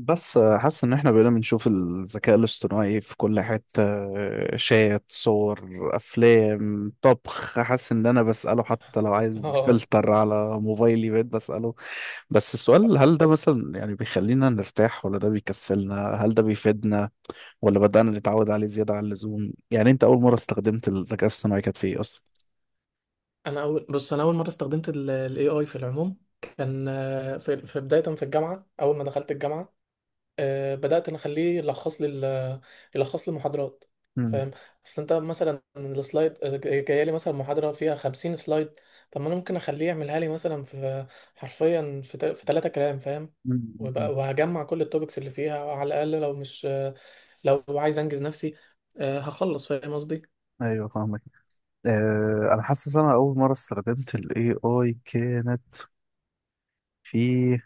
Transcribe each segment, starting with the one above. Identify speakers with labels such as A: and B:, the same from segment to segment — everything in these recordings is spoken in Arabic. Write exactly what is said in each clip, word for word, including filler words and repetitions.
A: بس آه، حاسس ان احنا بقينا بنشوف الذكاء الاصطناعي في كل حتة. آه، شات، صور، افلام طبخ. حاسس ان انا بسأله، حتى لو عايز
B: اه،
A: فلتر على موبايلي بقيت بسأله. بس السؤال، هل ده مثلا يعني بيخلينا نرتاح ولا ده بيكسلنا؟ هل ده بيفيدنا ولا بدأنا نتعود عليه زيادة عن اللزوم؟ يعني انت اول مرة استخدمت الذكاء الاصطناعي كانت في ايه اصلا؟
B: انا اول بص، انا اول مره استخدمت الاي اي في العموم. كان آه، في في بدايه، في الجامعه، اول ما دخلت الجامعه آه، بدات انا اخليه يلخص لي ال- يلخص لي المحاضرات.
A: مم.
B: فاهم؟ اصل انت مثلا السلايد، آه، جايه لي مثلا محاضره فيها 50 سلايد. طب ما انا ممكن اخليه يعملها لي مثلا في، حرفيا، في تل- في ثلاثه كلام. فاهم؟
A: مم. مم.
B: ويبقى- وهجمع كل التوبكس اللي فيها، على الاقل لو مش آه، لو عايز انجز نفسي آه، هخلص. فاهم قصدي؟
A: ايوه، فاهمك. آه انا حاسس انا اول مره استخدمت الاي اي كانت في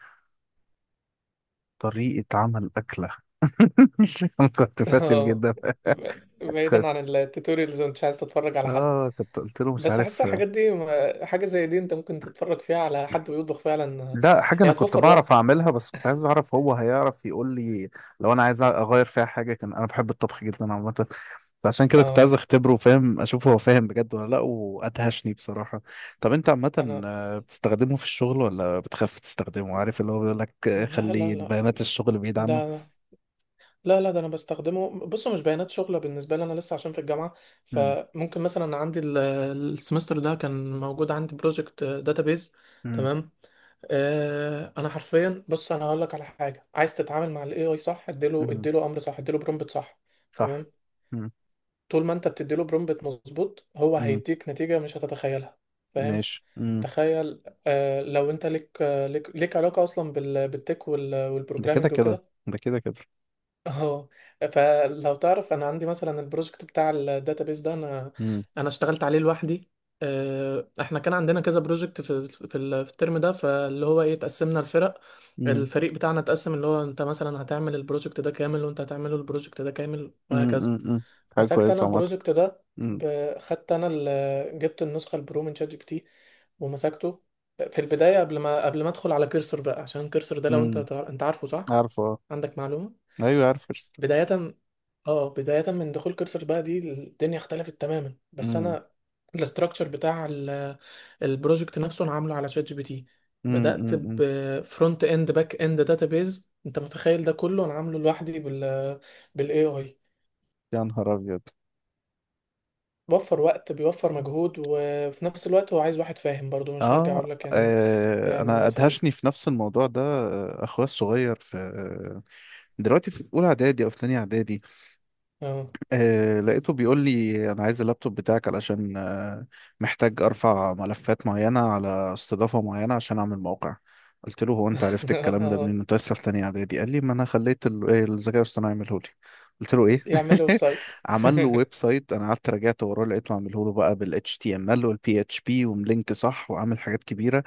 A: طريقة عمل أكلة. أنا كنت فاشل
B: اه.
A: جدا.
B: ب- بعيدا
A: كنت
B: عن التوتوريالز، وانت عايز تتفرج على حد.
A: آه كنت قلت له مش
B: بس احس
A: عارف.
B: الحاجات دي، ما- حاجه زي دي انت ممكن تتفرج فيها على حد بيطبخ فعلا.
A: لا، حاجة
B: هي
A: أنا كنت
B: هتوفر
A: بعرف
B: وقت.
A: أعملها، بس كنت عايز أعرف هو هيعرف يقول لي لو أنا عايز أغير فيها حاجة. كان أنا بحب الطبخ جدا عامة، فعشان كده كنت عايز
B: اه،
A: أختبره وفاهم أشوف هو فاهم بجد ولا لأ، وأدهشني بصراحة. طب أنت عامة،
B: انا.
A: آه، بتستخدمه في الشغل ولا بتخاف تستخدمه؟ عارف اللي هو بيقول لك، آه،
B: لا
A: خلي
B: لا لا.
A: البيانات الشغل بعيد عنه.
B: ده. لا لا، ده انا بستخدمه، بصوا مش بيانات شغله، بالنسبه لي انا لسه عشان في الجامعه.
A: مم.
B: فممكن مثلا عندي ال- السمستر ده كان موجود عندي بروجكت داتابيز،
A: مم.
B: تمام. آه، انا حرفيا، بص، انا هقول لك على حاجه. عايز تتعامل مع الاي اي؟ صح، اديله
A: مم.
B: اديله امر، صح اديله برومبت، صح، تمام.
A: صح. مم.
B: طول ما انت بتديله برومبت مظبوط، هو
A: مم.
B: هيديك نتيجة مش هتتخيلها. فاهم؟
A: ماشي. مم.
B: تخيل، آه لو انت ليك، آه ليك, ليك علاقة اصلا بال- بالتك وال-
A: ده كده
B: والبروجرامينج
A: كده
B: وكده.
A: ده كده كده
B: اه. فلو تعرف، انا عندي مثلا البروجكت بتاع الداتابيس ده، انا
A: امم.
B: انا اشتغلت عليه لوحدي. آه احنا كان عندنا كذا بروجكت في في ال- في الترم ده. فاللي هو ايه، اتقسمنا، الفرق
A: امم.
B: الفريق بتاعنا اتقسم، اللي هو، انت مثلا هتعمل البروجكت ده كامل، وانت هتعمله البروجكت ده كامل،
A: امم. امم.
B: وهكذا.
A: أمم. حاجة
B: مسكت انا
A: كويسة عامة.
B: البروجكت ده،
A: امم.
B: ب- خدت انا، ال- جبت النسخه البرو من شات جي بي تي، ومسكته. في البدايه، قبل ما قبل ما ادخل على كيرسر بقى، عشان كيرسر ده، لو انت
A: امم.
B: تع- انت عارفه، صح؟
A: عارفه، آه.
B: عندك معلومه.
A: ايوه، عارفه.
B: بدايه اه بدايه من دخول كيرسر بقى، دي الدنيا اختلفت تماما. بس
A: امم.
B: انا، الاستراكشر بتاع ال- البروجكت نفسه، انا عامله على شات جي بي تي.
A: امم.
B: بدات
A: أمم، أمم.
B: بفرونت اند، باك اند، داتابيز. انت متخيل ده كله انا عامله لوحدي بال بالاي اي؟
A: يا نهار ابيض.
B: بيوفر وقت، بيوفر مجهود، وفي نفس الوقت هو عايز واحد فاهم برضو، مش هرجع اقول
A: آه.
B: لك يعني، ما
A: اه،
B: يعني
A: انا
B: مثلا.
A: ادهشني في نفس الموضوع ده. آه، اخويا الصغير في آه، دلوقتي في اولى اعدادي او في تانية اعدادي.
B: اه.
A: آه لقيته بيقول لي انا عايز اللابتوب بتاعك علشان آه محتاج ارفع ملفات معينه على استضافه معينه عشان اعمل موقع. قلت له، هو انت عرفت الكلام ده
B: آه،
A: منين؟ انت لسه في تانية اعدادي. قال لي، ما انا خليت ال- إيه، الذكاء الاصطناعي يعمله لي. قلت له ايه؟
B: يعمل له ويب سايت.
A: عمل له ويب سايت. انا قعدت راجعت وراه، لقيته عامله له بقى بال H T M L وال بي إتش بي وملينك صح، وعامل حاجات كبيره،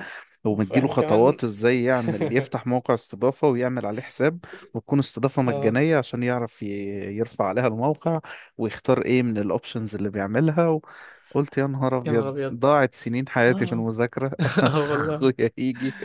B: اوف،
A: ومديله
B: احنا
A: خطوات
B: كمان.
A: ازاي يعمل، يفتح موقع استضافه ويعمل عليه حساب، وتكون استضافة
B: اه،
A: مجانية عشان يعرف ي- يرفع عليها الموقع، ويختار ايه من الاوبشنز اللي بيعملها. وقلت يا نهار
B: يا نهار
A: ابيض،
B: ابيض.
A: ضاعت سنين حياتي في
B: اه،
A: المذاكرة، عشان
B: اه والله.
A: اخويا يجي.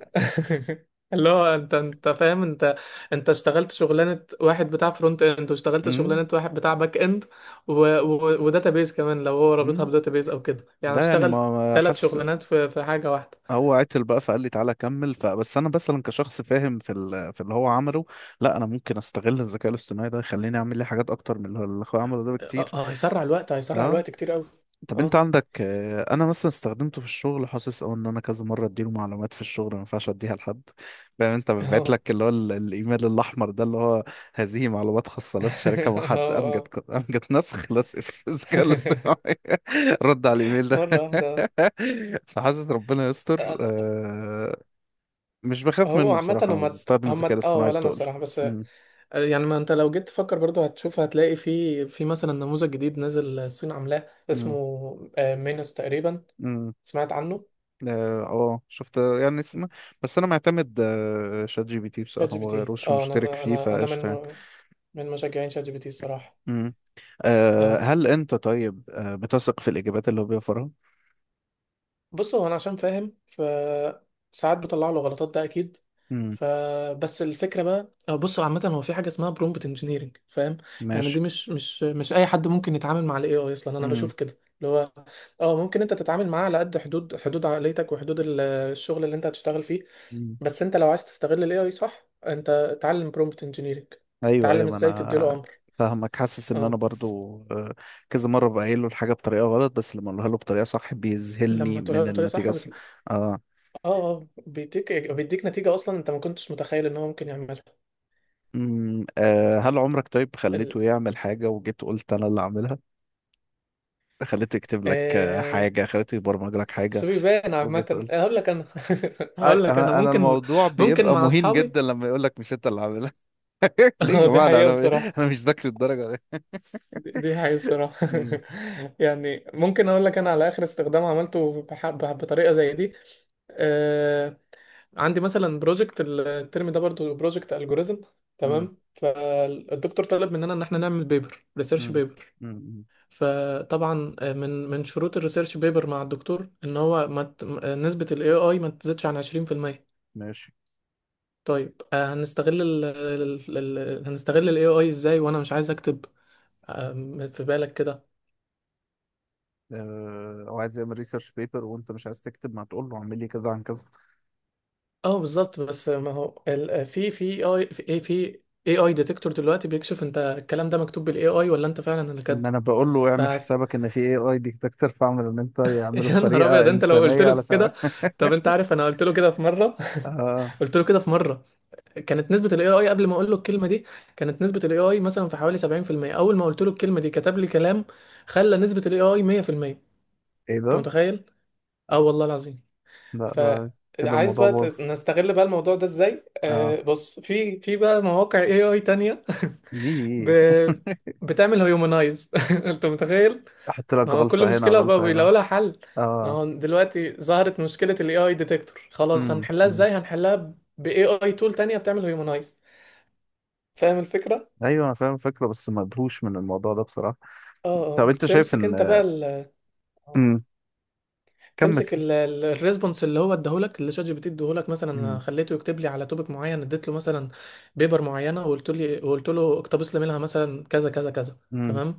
B: اللي هو، انت انت فاهم، انت انت اشتغلت شغلانه واحد بتاع فرونت اند، واشتغلت
A: امم.
B: شغلانه واحد بتاع باك اند، و... و... وداتابيز كمان، لو هو رابطها
A: امم.
B: بداتابيز او كده، يعني
A: ده يعني
B: اشتغل
A: ما ما
B: ثلاث
A: حاسس
B: شغلانات في في حاجه واحده.
A: هو عتل بقى، فقال لي تعالى كمل. فبس انا مثلا كشخص فاهم في ال- في اللي هو عمله، لا انا ممكن استغل الذكاء الاصطناعي ده يخليني اعمل لي حاجات اكتر من اللي هو- اللي اخويا عمله ده
B: اه،
A: بكتير.
B: آه، هيسرع الوقت، هيسرع
A: اه.
B: الوقت كتير قوي.
A: طب انت
B: اه،
A: عندك، آه، انا مثلا استخدمته في الشغل، حاسس او ان انا كذا مره اديله معلومات في الشغل ما ينفعش اديها لحد. فاهم، انت ببعت
B: اه.
A: لك اللي هو ال- الايميل الاحمر ده، اللي هو، هذه معلومات خاصه لا تشاركها مع
B: اه،
A: حد. امجد
B: اه.
A: ك- امجد نسخ لصق في الذكاء الاصطناعي. رد على الايميل ده.
B: مرة واحدة.
A: فحاسس ربنا
B: آه،
A: يستر.
B: آه،
A: آه، مش بخاف
B: هو
A: منه
B: عامة،
A: بصراحه،
B: هما
A: بس
B: ت-
A: استخدم
B: هما
A: الذكاء
B: ت- اه
A: الاصطناعي
B: ولا انا
A: بتقل.
B: الصراحة، بس آه،
A: امم.
B: يعني ما انت لو جيت تفكر برضو هتشوف، هتلاقي في في مثلا نموذج جديد نزل الصين عاملاه اسمه آه، مينوس تقريبا.
A: امم.
B: سمعت عنه؟
A: اه. آه، شفت يعني اسم، بس انا معتمد آه، شات جي بي تي
B: شات
A: بصراحه،
B: جي
A: ما
B: بي تي.
A: بغيروش
B: اه،
A: ومشترك
B: انا
A: فيه
B: انا انا من
A: فقشطه يعني.
B: م- من مشجعين شات جي بي تي، الصراحة.
A: مم. آه،
B: اه،
A: هل انت طيب، آه، بتثق في الاجابات اللي هو بيوفرها؟
B: بص، هو انا عشان فاهم، فساعات بطلع له غلطات، ده اكيد.
A: امم.
B: فبس الفكره بقى، أه بص، هو عامه هو في حاجه اسمها برومبت انجينيرنج. فاهم؟ يعني
A: ماشي.
B: دي مش مش مش اي حد ممكن يتعامل مع الاي اي اصلا. انا
A: امم.
B: بشوف كده، اللي هو، اه، ممكن انت تتعامل معاه على قد حدود حدود عقليتك، وحدود ال- الشغل اللي انت هتشتغل فيه.
A: امم.
B: بس انت لو عايز تستغل الاي اي صح، انت اتعلم برومبت انجينيرنج،
A: ايوه،
B: اتعلم
A: ايوه. ما
B: ازاي تديله
A: انا
B: امر.
A: فاهمك. حاسس ان انا
B: اه،
A: برضو، آه، كذا مره بقايل له الحاجه بطريقه غلط، بس لما اقولها له بطريقه صح بيذهلني
B: لما تقولها
A: من
B: بطريقه صح
A: النتيجه الص-
B: بتل...
A: اه.
B: اه آه، بيديك بيديك نتيجه اصلا انت ما كنتش متخيل ان هو ممكن يعملها.
A: امم. آه، هل عمرك طيب خليته يعمل حاجه، وجيت قلت انا اللي اعملها؟ خليته يكتب لك آه،
B: آه،
A: حاجة، خليته يبرمج لك حاجة،
B: بس بيبان
A: وجيت
B: عامة،
A: قلت،
B: هقول لك انا.
A: آه،
B: هقول لك انا،
A: انا انا
B: ممكن،
A: الموضوع
B: ممكن
A: بيبقى
B: مع
A: مهين
B: اصحابي.
A: جدا لما يقول لك مش انت اللي عاملها. ليه يا
B: اه، دي
A: جماعة؟ انا
B: حقيقة
A: انا
B: بصراحة.
A: أنا مش ذاكر الدرجة دي.
B: دي دي حقيقة بصراحة.
A: امم.
B: يعني ممكن اقول لك انا على اخر استخدام عملته بح- بح- بطريقة زي دي. آه، عندي مثلا بروجكت الترم ده برضو، بروجكت الجوريزم،
A: امم.
B: تمام. الدكتور طلب مننا ان احنا نعمل بيبر ريسيرش
A: امم.
B: بيبر.
A: امم.
B: فطبعا آه، من من شروط الريسيرش بيبر مع الدكتور، ان هو ما ت- نسبة الاي اي ما تزيدش عن عشرين في المية.
A: ماشي.
B: طيب آه، هنستغل ال ال- ال- هنستغل ال اي اي ازاي، وانا مش عايز اكتب، آه، في بالك كده.
A: آه، هو عايز يعمل ريسيرش بيبر وانت مش عايز تكتب، ما تقول له اعمل لي كذا عن كذا.
B: اه، بالظبط. بس ما هو ال- في في اي في إيه، في اي اي ديتكتور دلوقتي بيكشف انت الكلام ده مكتوب بال اي اي ولا انت فعلا اللي
A: ان
B: كاتبه.
A: انا بقول له،
B: ف
A: اعمل حسابك ان في اي اي ديتكتور، فاعمل ان انت يعمله
B: يا نهار
A: بطريقه
B: ابيض، انت لو قلت
A: انسانيه
B: له
A: علشان.
B: كده. طب انت عارف، انا قلت له كده في مره.
A: آه.
B: قلت له كده في مره. كانت نسبه الاي اي قبل ما اقول له الكلمه دي، كانت نسبه الاي اي مثلا في حوالي سبعين في المية. اول ما قلت له الكلمه دي، كتب لي كلام خلى نسبه الاي اي مية في المية.
A: ايه
B: انت
A: ده؟
B: متخيل؟ اه والله العظيم.
A: لا، لا كده
B: فعايز
A: الموضوع
B: بقى تس-
A: باظ.
B: نستغل بقى الموضوع ده ازاي؟
A: اه.
B: آه بص، في في بقى مواقع اي اي تانية، ب...
A: دي.
B: بتعمل هيومنايز. انت متخيل؟
A: احط
B: ما
A: لك
B: هو كل
A: غلطة هنا،
B: مشكلة بقى
A: غلطة
B: بيلاقوا
A: هنا.
B: لها حل. ما
A: اه.
B: هو دلوقتي ظهرت مشكلة الاي اي ديتكتور، خلاص،
A: امم.
B: هنحلها
A: أمم.
B: ازاي؟ هنحلها باي اي تول تانية بتعمل هيومنايز. فاهم الفكرة؟
A: ايوه، انا فاهم الفكرة، بس مدهوش من الموضوع ده بصراحة.
B: اه آه.
A: طب انت شايف
B: بتمسك انت
A: ان.
B: بقى،
A: امم. كمل
B: تمسك
A: كده.
B: ال- ال- الريسبونس اللي هو اداهولك، اللي شات جي بي تي اداهولك. مثلا أنا
A: امم.
B: خليته يكتب لي على توبيك معين، اديت له مثلا بيبر معينه، وقلت لي وقلت له اقتبس لي منها مثلا كذا كذا كذا،
A: امم.
B: تمام.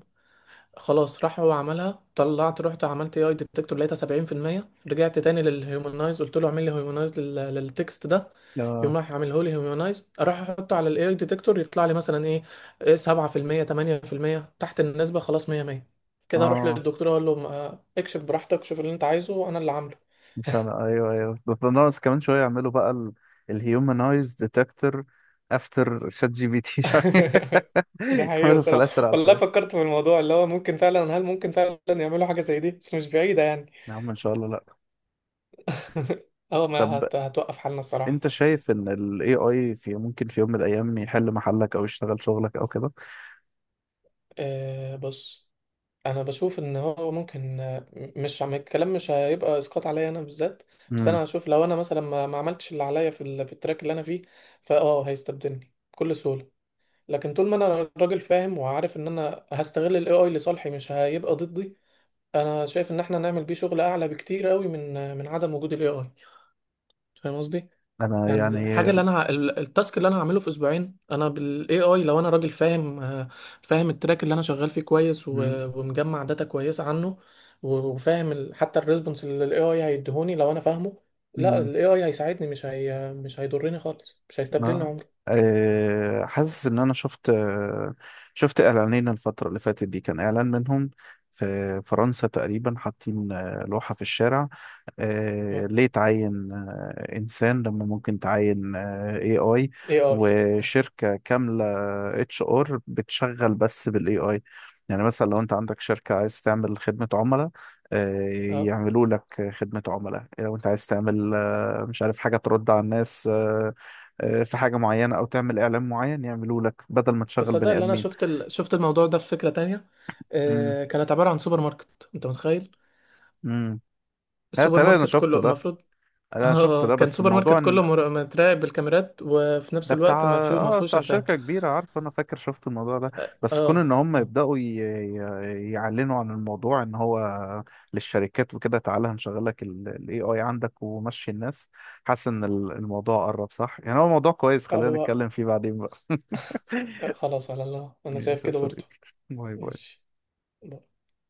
B: خلاص، راح هو عملها. طلعت رحت عملت اي اي ديتكتور، لقيتها سبعين في المية. رجعت تاني للهيومنايز، قلت له اعمل لي هيومنايز للتكست ده.
A: اه.
B: يقوم راح عامله لي هيومنايز، اروح احطه على الاي اي ديتكتور يطلع لي مثلا ايه إيه سبع في المية، ثمانية بالمية، تحت النسبه، خلاص. مية مية. كده اروح
A: اه.
B: للدكتور اقول له، ما- اكشف براحتك، شوف اللي انت عايزه، انا اللي عامله.
A: مش انا. ايوه، ايوه. ده ده ناقص كمان شوية، يعملوا بقى الهيومنايز ديتكتور افتر شات جي بي تي.
B: ده حقيقي
A: يعملوا
B: الصراحة،
A: فلاتر على
B: والله
A: الفلاتر.
B: فكرت في الموضوع اللي هو، ممكن فعلا، هل ممكن فعلا يعملوا حاجة زي دي؟ بس مش بعيدة يعني.
A: يا عم ان شاء الله لا.
B: اه، ما
A: طب
B: هت... هتوقف حالنا الصراحة.
A: انت شايف ان الاي اي في ممكن في يوم من الايام يحل محلك او يشتغل شغلك او كده؟
B: أه بص، انا بشوف ان هو ممكن، آه، مش عم الكلام، مش هيبقى اسقاط عليا انا بالذات. بس
A: امم.
B: انا هشوف، لو انا مثلا ما, ما عملتش اللي عليا في, ال... في التراك اللي انا فيه، فاه هيستبدلني بكل سهولة. لكن طول ما انا راجل فاهم وعارف ان انا هستغل الاي اي لصالحي، مش هيبقى ضدي. انا شايف ان احنا نعمل بيه شغل اعلى بكتير قوي من من عدم وجود الاي اي. فاهم قصدي؟
A: انا
B: يعني الحاجه
A: يعني.
B: اللي انا ه- ال- التاسك اللي انا هعمله في اسبوعين انا بالاي اي، لو انا راجل فاهم، آه، فاهم التراك اللي انا شغال فيه كويس، و-
A: مم.
B: ومجمع داتا كويسه عنه، و- وفاهم ال- حتى الريسبونس اللي الاي اي هيديهوني، لو انا فاهمه، لا،
A: مم.
B: الاي اي هيساعدني، مش هي مش هيضرني خالص، مش هيستبدلني
A: آه.
B: عمري.
A: آه، حاسس ان انا شفت، آه، شفت اعلانين الفتره اللي فاتت دي، كان اعلان منهم في فرنسا تقريبا حاطين آه، لوحه في الشارع، آه،
B: اه.
A: ليه تعين آه، انسان لما ممكن تعين اي اي
B: اي اي.
A: وشركه كامله اتش ار بتشغل بس بالاي اي؟ يعني مثلا لو انت عندك شركه عايز تعمل خدمه عملاء، آه،
B: اه.
A: يعملوا لك خدمه عملاء. لو انت عايز تعمل آه، مش عارف حاجه ترد على الناس، آه، آه، في حاجة معينة أو تعمل إعلان معين، يعملوه لك بدل ما تشغل
B: تصدق
A: بني
B: ان انا
A: آدمين.
B: شفت ال... شفت الموضوع ده في فكره تانية.
A: امم.
B: آه، كانت عباره عن سوبر ماركت، انت متخيل؟
A: امم. لا
B: السوبر
A: تقريبا أنا
B: ماركت
A: شفت
B: كله
A: ده
B: المفروض.
A: أنا شفت
B: اه،
A: ده
B: كان
A: بس
B: سوبر
A: الموضوع
B: ماركت كله
A: إن
B: مر- متراقب بالكاميرات، وفي نفس
A: ده بتاع،
B: الوقت ما فيه ما
A: آه
B: فيهوش
A: بتاع
B: انسان.
A: شركة كبيرة. عارف، أنا فاكر شفت الموضوع ده.
B: اه
A: بس كون
B: آه.
A: إن هم يبدأوا ي... ي- يعلنوا عن الموضوع إن هو للشركات وكده، تعالى هنشغل لك ال ال A I عندك ومشي الناس. حاسس إن ال- الموضوع قرب صح؟ يعني هو موضوع كويس،
B: آه،
A: خلينا
B: هو،
A: نتكلم فيه بعدين بقى.
B: آه، خلاص على الله، انا
A: ماشي
B: شايف
A: يا
B: كده برضه.
A: صديقي. باي باي.
B: ماشي.